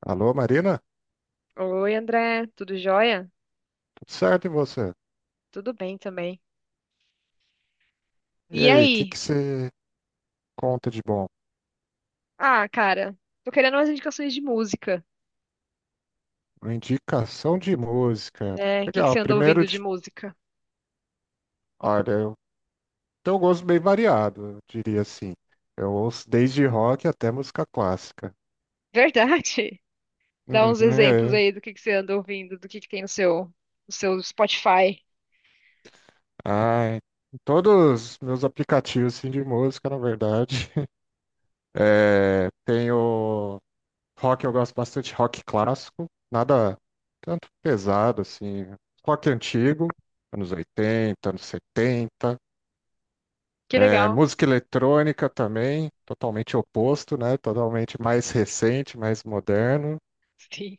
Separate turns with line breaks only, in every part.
Alô, Marina?
Oi, André, tudo jóia?
Tudo certo e você?
Tudo bem também.
E
E
aí, o que
aí?
que você conta de bom?
Ah, cara, tô querendo umas indicações de música,
Uma indicação de música.
né? O que que
Legal,
você anda
primeiro
ouvindo de
de...
música?
Olha, eu tenho um gosto bem variado, eu diria assim. Eu ouço desde rock até música clássica.
Verdade? Dá
Uhum,
uns exemplos
é.
aí do que você anda ouvindo, do que tem no seu, no seu Spotify.
Ai, em todos os meus aplicativos assim, de música, na verdade. Tenho rock, eu gosto bastante, rock clássico, nada tanto pesado assim, rock antigo, anos oitenta, anos setenta.
Que legal.
Música eletrônica também, totalmente oposto, né? Totalmente mais recente, mais moderno.
Sim.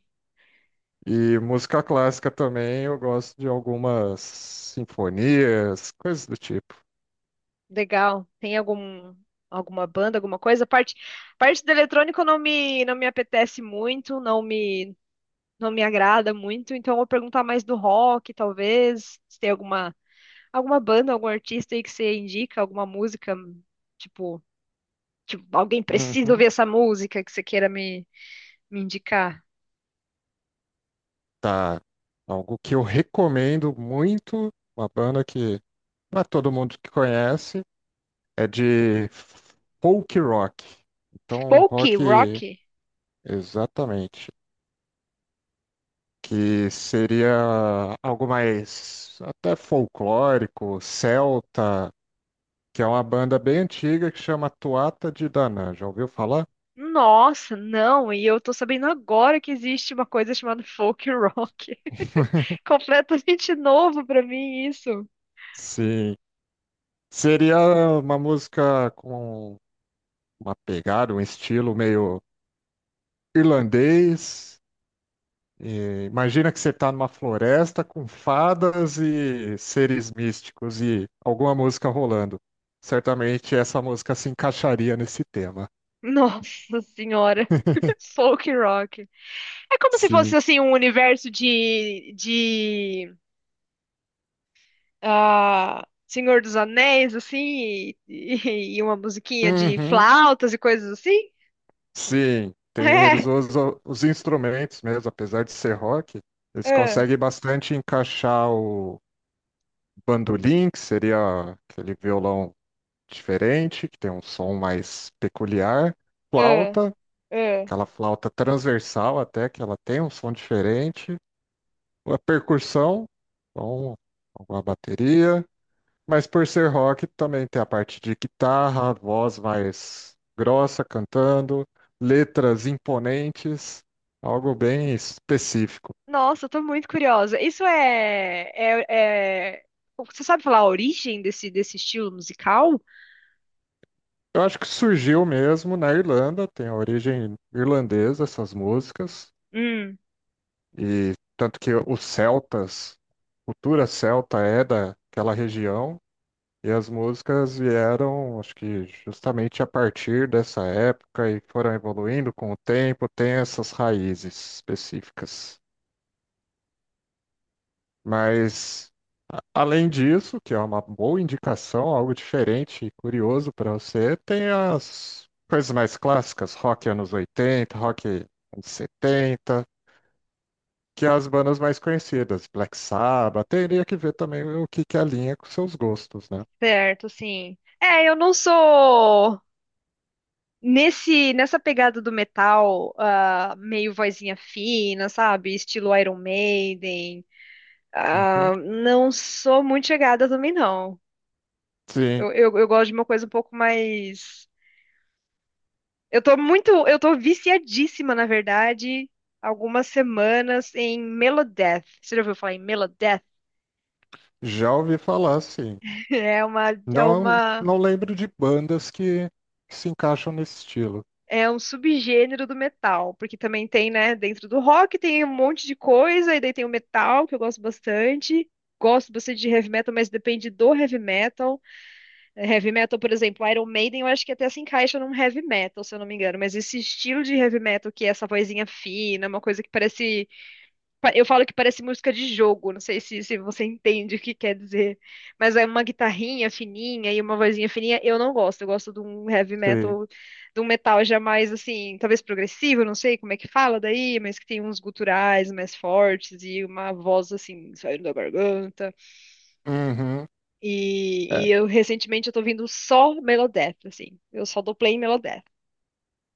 E música clássica também, eu gosto de algumas sinfonias, coisas do tipo.
Legal. Tem algum, alguma banda, alguma coisa? A parte, a parte do eletrônico não me apetece muito, não me agrada muito, então eu vou perguntar mais do rock, talvez. Se tem alguma. Alguma banda, algum artista aí que você indica, alguma música, tipo, tipo, alguém precisa
Uhum.
ouvir essa música que você queira me indicar?
Tá. Algo que eu recomendo muito, uma banda que não é todo mundo que conhece, é de folk rock. Então,
Folk, rock?
rock, exatamente. Que seria algo mais até folclórico, celta, que é uma banda bem antiga que chama Tuatha de Danann. Já ouviu falar?
Nossa, não, e eu tô sabendo agora que existe uma coisa chamada folk rock. Completamente novo pra mim isso.
Sim. Seria uma música com uma pegada, um estilo meio irlandês, e imagina que você está numa floresta com fadas e seres místicos e alguma música rolando. Certamente essa música se encaixaria nesse tema.
Nossa senhora, folk rock. É como se fosse
Sim.
assim um universo de ah, Senhor dos Anéis, assim, e e uma musiquinha de
Uhum.
flautas e coisas assim?
Sim. Tem, eles usam os instrumentos mesmo, apesar de ser rock,
É,
eles
é,
conseguem bastante encaixar o bandolim, que seria aquele violão diferente, que tem um som mais peculiar,
é,
flauta,
é.
aquela flauta transversal até, que ela tem um som diferente, a percussão, então, a bateria, mas por ser rock também tem a parte de guitarra, voz mais grossa cantando, letras imponentes, algo bem específico.
Nossa, eu tô muito curiosa. Isso é- Você sabe falar a origem desse estilo musical?
Eu acho que surgiu mesmo na Irlanda, tem a origem irlandesa essas músicas,
Hum,
e tanto que os celtas, cultura celta é daquela região. E as músicas vieram, acho que justamente a partir dessa época e foram evoluindo com o tempo, tem essas raízes específicas. Mas, além disso, que é uma boa indicação, algo diferente e curioso para você, tem as coisas mais clássicas, rock anos 80, rock anos 70, que é as bandas mais conhecidas, Black Sabbath, teria que ver também o que que alinha com seus gostos, né?
certo, sim. É, eu não sou nesse nessa pegada do metal, ah, meio vozinha fina, sabe? Estilo Iron Maiden.
Uhum.
Ah, não sou muito chegada também, não.
Sim.
Eu gosto de uma coisa um pouco mais. Eu tô muito. Eu tô viciadíssima, na verdade, algumas semanas em Melodeath. Você já ouviu falar em Melodeath?
Já ouvi falar, sim.
É uma, é
Não,
uma,
não lembro de bandas que, se encaixam nesse estilo.
é um subgênero do metal, porque também tem, né, dentro do rock tem um monte de coisa, e daí tem o metal, que eu gosto bastante. Gosto bastante de heavy metal, mas depende do heavy metal. Heavy metal, por exemplo, Iron Maiden, eu acho que até se encaixa num heavy metal, se eu não me engano. Mas esse estilo de heavy metal, que é essa vozinha fina, uma coisa que parece. Eu falo que parece música de jogo, não sei se você entende o que quer dizer. Mas é uma guitarrinha fininha e uma vozinha fininha, eu não gosto. Eu gosto de um heavy
Sei.
metal, de um metal já mais assim, talvez progressivo, não sei como é que fala daí, mas que tem uns guturais mais fortes e uma voz assim, saindo da garganta.
Uhum. É,
E eu recentemente eu tô ouvindo só Megadeth, assim. Eu só dou play em Megadeth.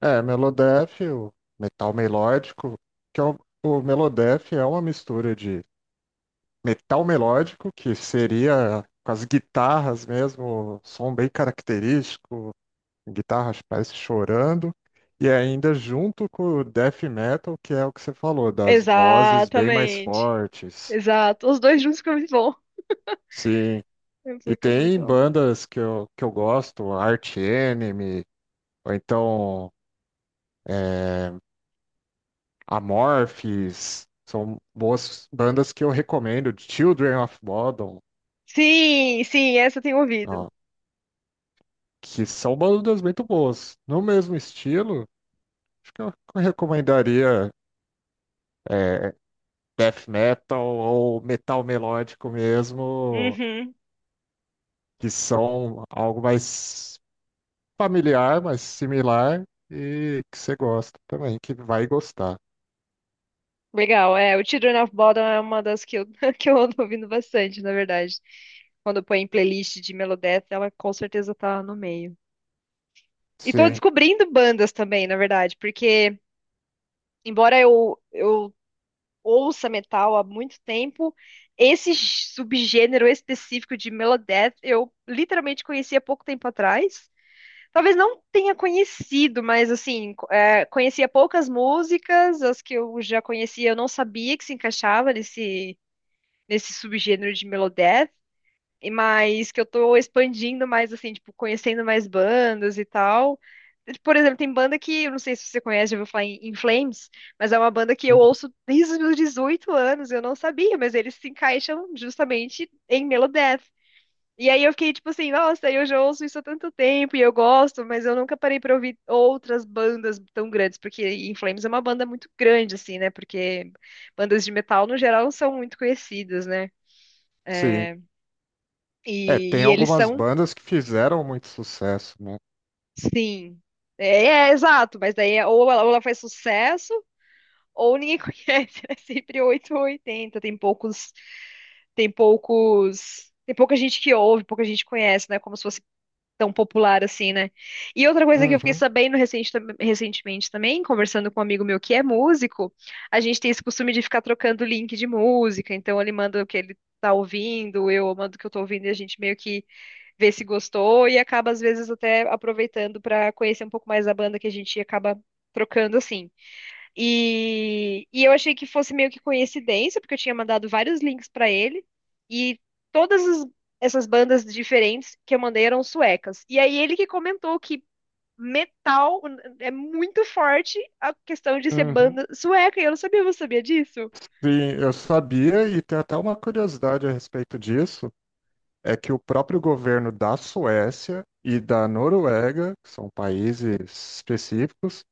Melodeath, o metal melódico, que é o, o Melodeath é uma mistura de metal melódico, que seria com as guitarras mesmo, som bem característico, guitarras parece chorando, e ainda junto com o death metal, que é o que você falou, das vozes bem mais
Exatamente.
fortes.
Exato. Os dois juntos ficam muito bom.
Sim, e
Fica
tem
muito bom.
bandas que eu gosto, Arch Enemy, ou então é, Amorphis, são boas bandas que eu recomendo, Children of Bodom,
Sim, sim, essa eu tenho ouvido.
ó, que são bandas muito boas. No mesmo estilo, acho que eu recomendaria é, Death Metal ou Metal Melódico mesmo,
Uhum.
que são algo mais familiar, mais similar e que você gosta também, que vai gostar.
Legal, é. O Children of Bodom é uma das que eu, que eu ando ouvindo bastante, na verdade. Quando eu ponho em playlist de Megadeth, ela com certeza tá no meio. E tô
Sim.
descobrindo bandas também, na verdade, porque embora eu ouça metal há muito tempo, esse subgênero específico de Melodeath eu literalmente conheci há pouco tempo atrás. Talvez não tenha conhecido, mas assim, é, conhecia poucas músicas, as que eu já conhecia eu não sabia que se encaixava nesse subgênero de Melodeath e mas que eu tô expandindo mais, assim, tipo, conhecendo mais bandas e tal. Por exemplo, tem banda que, eu não sei se você conhece, já ouviu falar em, In Flames, mas é uma banda que eu ouço desde os meus 18 anos, eu não sabia, mas eles se encaixam justamente em Melodeath. E aí eu fiquei tipo assim, nossa, eu já ouço isso há tanto tempo e eu gosto, mas eu nunca parei pra ouvir outras bandas tão grandes, porque In Flames é uma banda muito grande, assim, né? Porque bandas de metal, no geral, não são muito conhecidas, né?
Sim.
É,
É, tem
e eles
algumas
são
bandas que fizeram muito sucesso, né?
Sim. Exato, mas daí é- ou ela faz sucesso ou ninguém conhece. É sempre 8 ou 80. Tem pouca gente que ouve, pouca gente conhece, né? Como se fosse tão popular assim, né? E outra coisa que eu fiquei
Uhum,
sabendo recentemente também, conversando com um amigo meu que é músico, a gente tem esse costume de ficar trocando link de música, então ele manda o que ele tá ouvindo, eu mando o que eu tô ouvindo e a gente meio que ver se gostou e acaba, às vezes, até aproveitando para conhecer um pouco mais da banda que a gente acaba trocando assim. E eu achei que fosse meio que coincidência, porque eu tinha mandado vários links para ele e todas as- essas bandas diferentes que eu mandei eram suecas. E aí ele que comentou que metal é muito forte a questão de ser
uhum.
banda sueca, e eu não sabia, você sabia disso?
Sim, eu sabia, e tem até uma curiosidade a respeito disso, é que o próprio governo da Suécia e da Noruega, que são países específicos,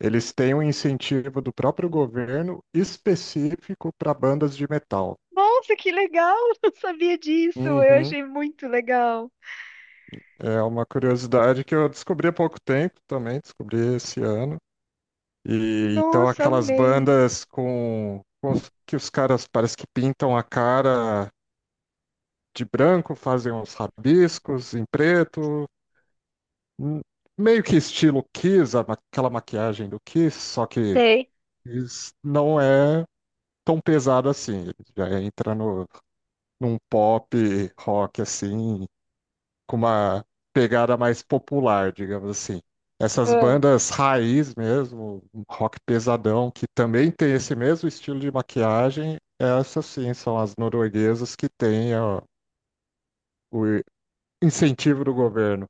eles têm um incentivo do próprio governo específico para bandas de metal.
Nossa, que legal! Não sabia disso. Eu
Uhum.
achei muito legal.
É uma curiosidade que eu descobri há pouco tempo também, descobri esse ano. E, então
Nossa,
aquelas
amei.
bandas com, que os caras parece que pintam a cara de branco, fazem uns rabiscos em preto, hum, meio que estilo Kiss, aquela maquiagem do Kiss, só que
Sei.
Kiss não é tão pesado assim, ele já entra no, num pop rock assim, com uma pegada mais popular, digamos assim. Essas
Ah,
bandas raiz mesmo, um rock pesadão, que também tem esse mesmo estilo de maquiagem, essas sim são as norueguesas que têm ó, o incentivo do governo.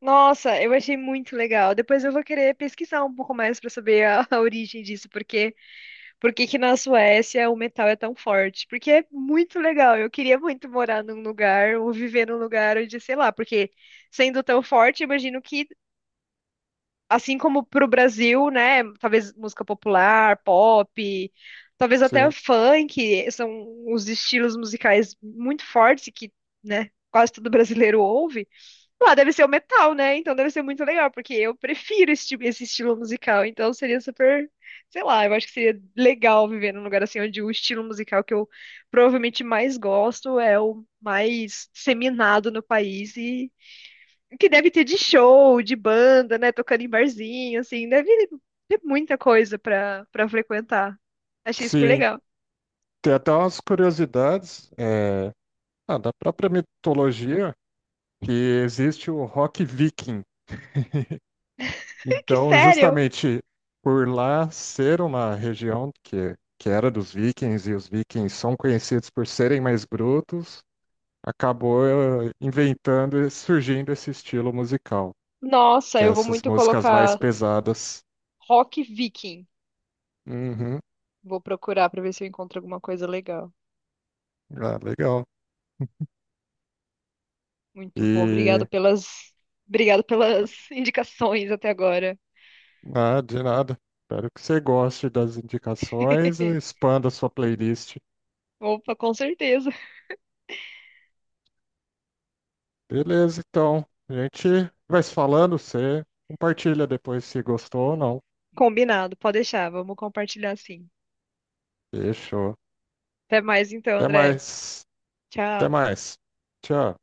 nossa, eu achei muito legal. Depois eu vou querer pesquisar um pouco mais para saber a origem disso, porque por que que na Suécia o metal é tão forte? Porque é muito legal. Eu queria muito morar num lugar ou viver num lugar onde, sei lá, porque sendo tão forte, imagino que assim como pro Brasil, né, talvez música popular, pop, talvez até
Sim,
funk, são os estilos musicais muito fortes que, né, quase todo brasileiro ouve. Ah, deve ser o metal, né? Então deve ser muito legal, porque eu prefiro esse, tipo- esse estilo musical. Então seria super, sei lá, eu acho que seria legal viver num lugar assim onde o estilo musical que eu provavelmente mais gosto é o mais disseminado no país e que deve ter de show, de banda, né? Tocando em barzinho, assim, deve ter muita coisa pra, pra frequentar. Achei super
sim.
legal.
Tem até umas curiosidades da própria mitologia que existe o rock viking.
Que
Então,
sério?
justamente por lá ser uma região que era dos vikings, e os vikings são conhecidos por serem mais brutos, acabou inventando e surgindo esse estilo musical,
Nossa,
que é
eu vou
essas
muito
músicas mais
colocar
pesadas.
rock viking.
Uhum.
Vou procurar pra ver se eu encontro alguma coisa legal.
Ah, legal.
Muito bom,
E
obrigado pelas indicações até agora.
ah, de nada. Espero que você goste das indicações e expanda a sua playlist.
Opa, com certeza.
Beleza, então. A gente vai se falando, você compartilha depois se gostou ou não.
Combinado, pode deixar, vamos compartilhar sim.
Fechou.
Até mais então,
Até
André.
mais. Até
Tchau.
mais. Tchau.